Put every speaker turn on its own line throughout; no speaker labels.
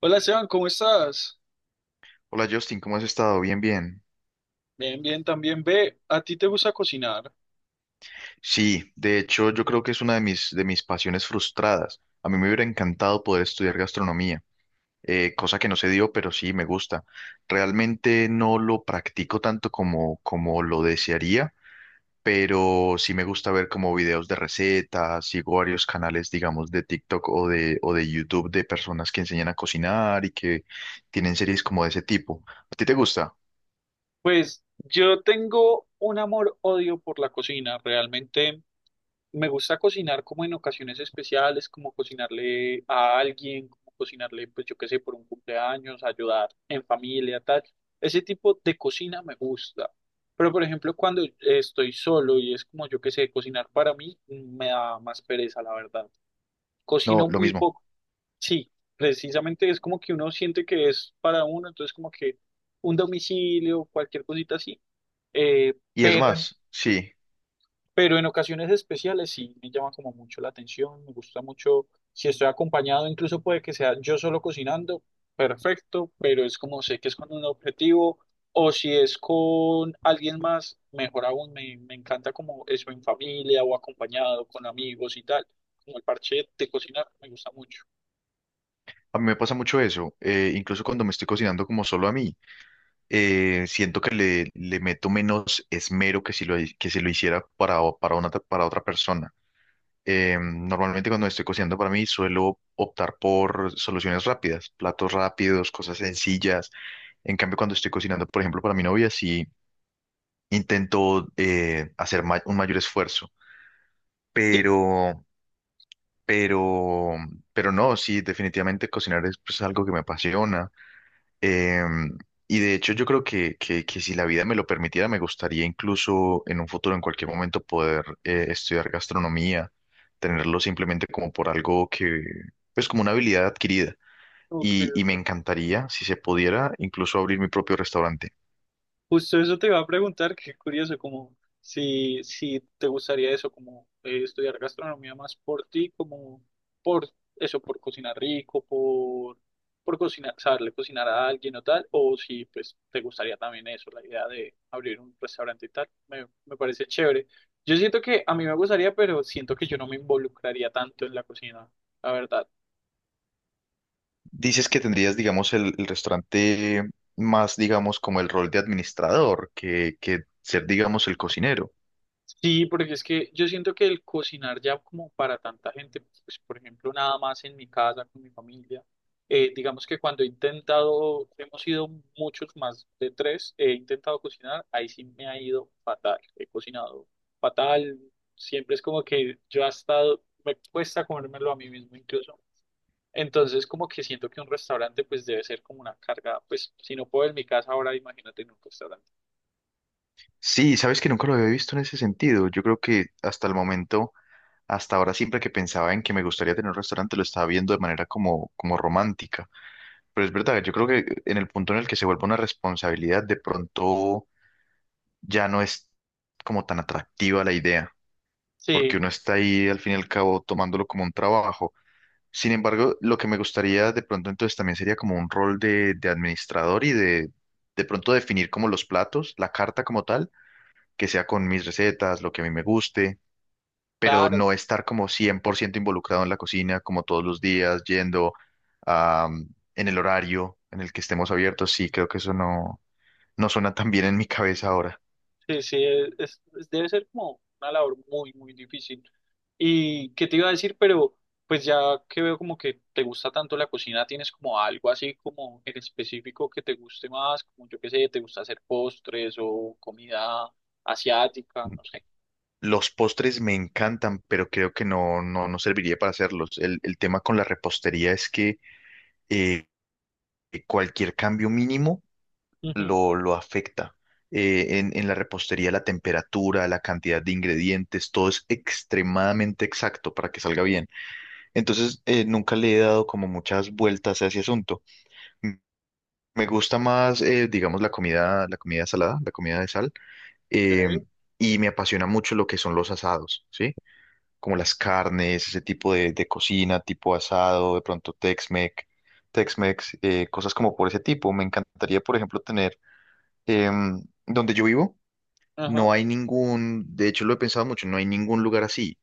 Hola Esteban, ¿cómo estás?
Hola Justin, ¿cómo has estado? Bien, bien.
Bien, bien, también ve, ¿a ti te gusta cocinar?
Sí, de hecho yo creo que es una de mis pasiones frustradas. A mí me hubiera encantado poder estudiar gastronomía, cosa que no se dio, pero sí me gusta. Realmente no lo practico tanto como lo desearía, pero sí me gusta ver como videos de recetas, sigo varios canales, digamos, de TikTok o de YouTube de personas que enseñan a cocinar y que tienen series como de ese tipo. ¿A ti te gusta?
Pues yo tengo un amor-odio por la cocina. Realmente me gusta cocinar como en ocasiones especiales, como cocinarle a alguien, como cocinarle, pues yo qué sé, por un cumpleaños, ayudar en familia, tal. Ese tipo de cocina me gusta. Pero por ejemplo, cuando estoy solo y es como yo qué sé, cocinar para mí, me da más pereza, la verdad.
No,
Cocino
lo
muy
mismo.
poco. Sí, precisamente es como que uno siente que es para uno, entonces como que un domicilio, cualquier cosita así, eh,
Y es
pero en,
más, sí.
pero en ocasiones especiales sí me llama como mucho la atención, me gusta mucho. Si estoy acompañado, incluso puede que sea yo solo cocinando, perfecto, pero es como sé que es con un objetivo, o si es con alguien más, mejor aún, me encanta como eso en familia o acompañado con amigos y tal, como el parche de cocinar, me gusta mucho.
A mí me pasa mucho eso, incluso cuando me estoy cocinando como solo a mí, siento que le meto menos esmero que si lo hiciera para, o- para, una, para otra persona. Normalmente cuando estoy cocinando para mí suelo optar por soluciones rápidas, platos rápidos, cosas sencillas. En cambio, cuando estoy cocinando, por ejemplo, para mi novia, sí intento hacer un mayor esfuerzo,
Sí,
pero, pero, pero no, sí, definitivamente cocinar es, pues, algo que me apasiona. Em, y de hecho yo creo que si la vida me lo permitiera, me gustaría incluso en un futuro, en cualquier momento, poder estudiar gastronomía, tenerlo simplemente como por algo que, pues, como una habilidad adquirida.
ok.
Y me encantaría, si se pudiera, incluso abrir mi propio restaurante.
Justo eso te iba a preguntar, qué curioso, como si te gustaría eso, como estudiar gastronomía más por ti, como por eso, por cocinar rico, por cocinar, saberle cocinar a alguien o tal, o si pues te gustaría también eso, la idea de abrir un restaurante y tal. Me parece chévere. Yo siento que a mí me gustaría, pero siento que yo no me involucraría tanto en la cocina, la verdad.
Dices que tendrías, digamos, el restaurante más, digamos, como el rol de administrador, que ser, digamos, el cocinero.
Sí, porque es que yo siento que el cocinar ya como para tanta gente, pues por ejemplo, nada más en mi casa, con mi familia, digamos que cuando he intentado, hemos sido muchos más de 3, he intentado cocinar, ahí sí me ha ido fatal, he cocinado fatal, siempre es como que yo hasta me cuesta comérmelo a mí mismo incluso. Entonces como que siento que un restaurante pues debe ser como una carga, pues si no puedo en mi casa ahora, imagínate en un restaurante.
Sí, sabes que nunca lo había visto en ese sentido. Yo creo que hasta el momento... Hasta ahora siempre que pensaba en que me gustaría tener un restaurante lo estaba viendo de manera como romántica. Pero es verdad, yo creo que en el punto en el que se vuelve una responsabilidad, de pronto ya no es como tan atractiva la idea,
Sí.
porque uno está ahí al fin y al cabo tomándolo como un trabajo. Sin embargo, lo que me gustaría de pronto entonces también sería como un rol de administrador y de pronto definir como los platos, la carta como tal, que sea con mis recetas, lo que a mí me guste, pero
Claro.
no estar como 100% involucrado en la cocina, como todos los días, yendo am, en el horario en el que estemos abiertos, sí, creo que eso no, no suena tan bien en mi cabeza ahora.
Sí, sí, debe ser como una labor muy, muy difícil. ¿Y qué te iba a decir? Pero pues ya que veo como que te gusta tanto la cocina, ¿tienes como algo así como en específico que te guste más? Como yo qué sé, ¿te gusta hacer postres o comida asiática? No sé.
Los postres me encantan, pero creo que no serviría para hacerlos. El tema con la repostería es que eh, cualquier cambio mínimo
Ujú,
lo afecta. En la repostería la temperatura, la cantidad de ingredientes, todo es extremadamente exacto para que salga bien. Entonces, nunca le he dado como muchas vueltas a ese asunto. M- Me gusta más, digamos, la comida salada, la comida de sal, eh,
ok.
y me apasiona mucho lo que son los asados, ¿sí? Como las carnes, ese tipo de cocina, tipo asado, de pronto Tex-Mex, cosas como por ese tipo. Me encantaría, por ejemplo, tener, donde yo vivo,
Ajá.
no hay ningún, de hecho lo he pensado mucho, no hay ningún lugar así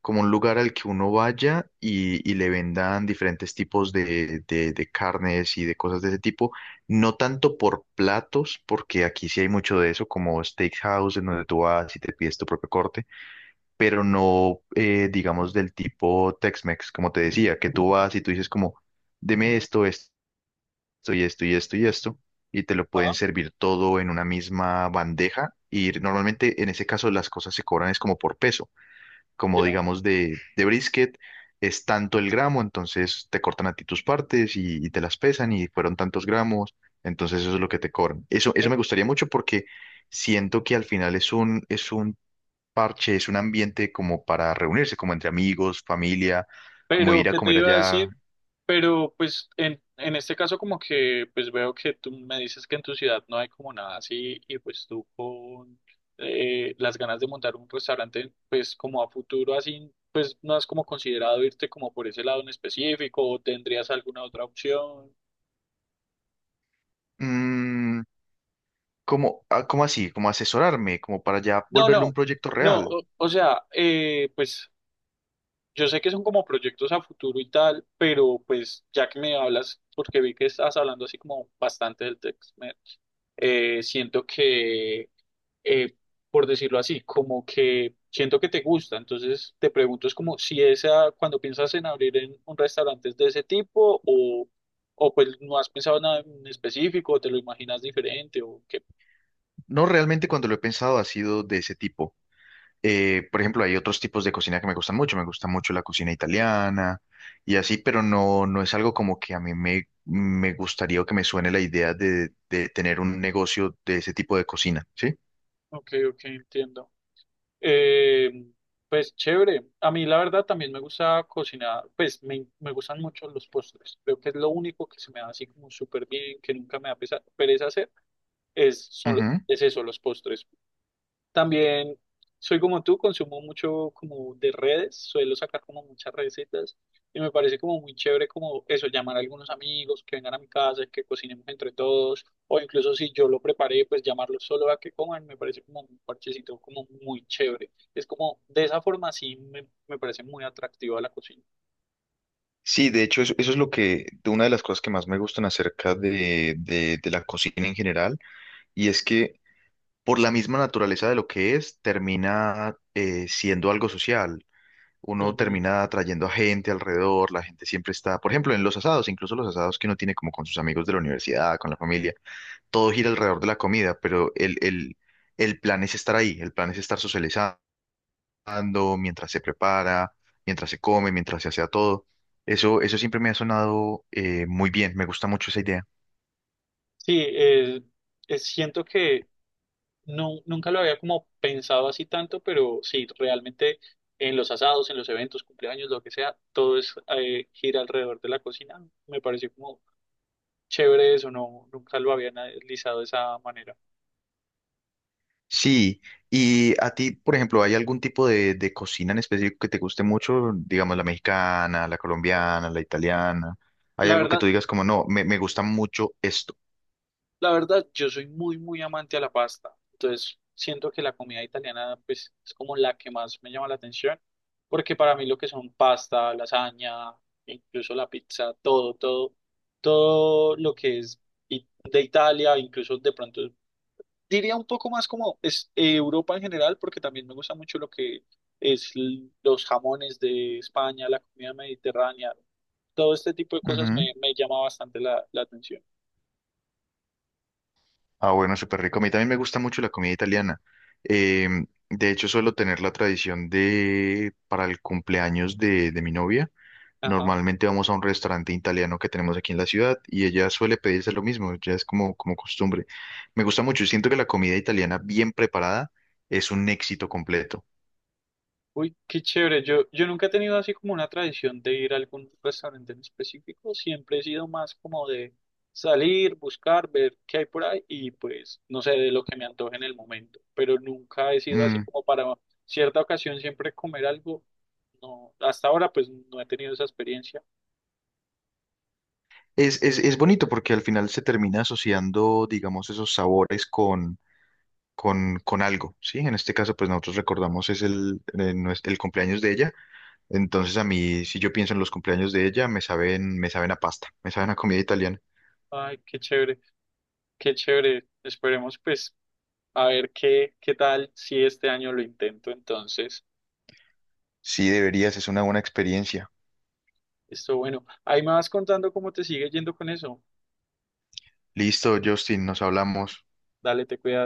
como un lugar al que uno vaya y le vendan diferentes tipos de carnes y de cosas de ese tipo, no tanto por platos, porque aquí sí hay mucho de eso, como steakhouse, en donde tú vas y te pides tu propio corte, pero no, digamos, del tipo Tex-Mex, como te decía, que tú vas y tú dices como, deme esto, y esto y esto, y te lo pueden
Ah,
servir todo en una misma bandeja, y normalmente en ese caso las cosas se cobran es como por peso, como
ya.
digamos de brisket, es tanto el gramo, entonces te cortan a ti tus partes y te las pesan y fueron tantos gramos, entonces eso es lo que te cobran. Eso me gustaría mucho porque siento que al final es un parche, es un ambiente como para reunirse, como entre amigos, familia, como
Pero,
ir a
¿qué te
comer
iba a
allá.
decir? Pero, pues, en este caso como que, pues veo que tú me dices que en tu ciudad no hay como nada así y pues tú con las ganas de montar un restaurante, pues como a futuro así, pues no has como considerado irte como por ese lado en específico o tendrías alguna otra opción.
Mm, como, ah, cómo así, como asesorarme, como para ya
No,
volverlo
no,
un proyecto
no,
real.
o sea, pues yo sé que son como proyectos a futuro y tal, pero pues ya que me hablas, porque vi que estás hablando así como bastante del tex, siento que, eh, por decirlo así, como que siento que te gusta. Entonces te pregunto, es como si esa, cuando piensas en abrir en un restaurante es de ese tipo o pues no has pensado nada en específico, o te lo imaginas diferente o qué.
No, realmente cuando lo he pensado ha sido de ese tipo. Por ejemplo, hay otros tipos de cocina que me gustan mucho. Me gusta mucho la cocina italiana y así, pero no, no es algo como que a mí me gustaría o que me suene la idea de tener un negocio de ese tipo de cocina, ¿sí?
Ok, ok, entiendo. Eh, pues chévere. A mí la verdad también me gusta cocinar, pues me gustan mucho los postres. Creo que es lo único que se me da así como súper bien, que nunca me da pereza hacer,
Ujú.
es eso, los postres. También soy como tú, consumo mucho como de redes, suelo sacar como muchas recetas y me parece como muy chévere como eso, llamar a algunos amigos que vengan a mi casa, que cocinemos entre todos, o incluso si yo lo preparé, pues llamarlos solo a que coman, me parece como un parchecito como muy chévere. Es como, de esa forma sí me parece muy atractiva la cocina.
Sí, de hecho, eso es lo que, de una de las cosas que más me gustan acerca de la cocina en general, y es que por la misma naturaleza de lo que es, termina siendo algo social. Uno
Ujú.
termina atrayendo a gente alrededor, la gente siempre está, por ejemplo, en los asados, incluso los asados que uno tiene como con sus amigos de la universidad, con la familia, todo gira alrededor de la comida, pero el plan es estar ahí, el plan es estar socializando mientras se prepara, mientras se come, mientras se hace a todo. Eso siempre me ha sonado muy bien, me gusta mucho esa idea.
Sí, siento que no, nunca lo había como pensado así tanto, pero sí, realmente en los asados, en los eventos, cumpleaños, lo que sea, todo es gira alrededor de la cocina. Me pareció como chévere eso, no, nunca lo había analizado de esa manera.
Sí, y a ti, por ejemplo, ¿hay algún tipo de cocina en específico que te guste mucho? Digamos, la mexicana, la colombiana, la italiana. ¿Hay
La
algo que
verdad,
tú digas como, no, me gusta mucho esto?
La verdad, yo soy muy, muy amante a la pasta. Entonces, siento que la comida italiana, pues, es como la que más me llama la atención, porque para mí lo que son pasta, lasaña, incluso la pizza, todo, todo, todo lo que es de Italia, incluso de pronto, diría un poco más como es Europa en general, porque también me gusta mucho lo que es los jamones de España, la comida mediterránea, todo este tipo de cosas
Ujú.
me llama bastante la atención.
Ah, bueno, súper rico. A mí también me gusta mucho la comida italiana. Eh, de hecho, suelo tener la tradición de, para el cumpleaños de mi novia,
Ajá.
normalmente vamos a un restaurante italiano que tenemos aquí en la ciudad y ella suele pedirse lo mismo, ya es como, como costumbre. Me gusta mucho, siento que la comida italiana bien preparada es un éxito completo.
Uy, qué chévere. Yo nunca he tenido así como una tradición de ir a algún restaurante en específico. Siempre he sido más como de salir, buscar, ver qué hay por ahí y pues, no sé, de lo que me antoje en el momento. Pero nunca he sido así
Mm.
como para cierta ocasión siempre comer algo. No, hasta ahora pues no he tenido esa experiencia.
Es bonito porque al final se termina asociando, digamos, esos sabores con algo, ¿sí? En este caso, pues nosotros recordamos es el, el cumpleaños de ella, entonces a mí, si yo pienso en los cumpleaños de ella, me saben a pasta, me saben a comida italiana.
Ay, qué chévere, qué chévere. Esperemos pues a ver qué, qué tal si este año lo intento. Entonces,
Sí, deberías, es una buena experiencia.
esto bueno. Ahí me vas contando cómo te sigue yendo con eso.
Listo, Justin, nos hablamos.
Dale, te cuidas.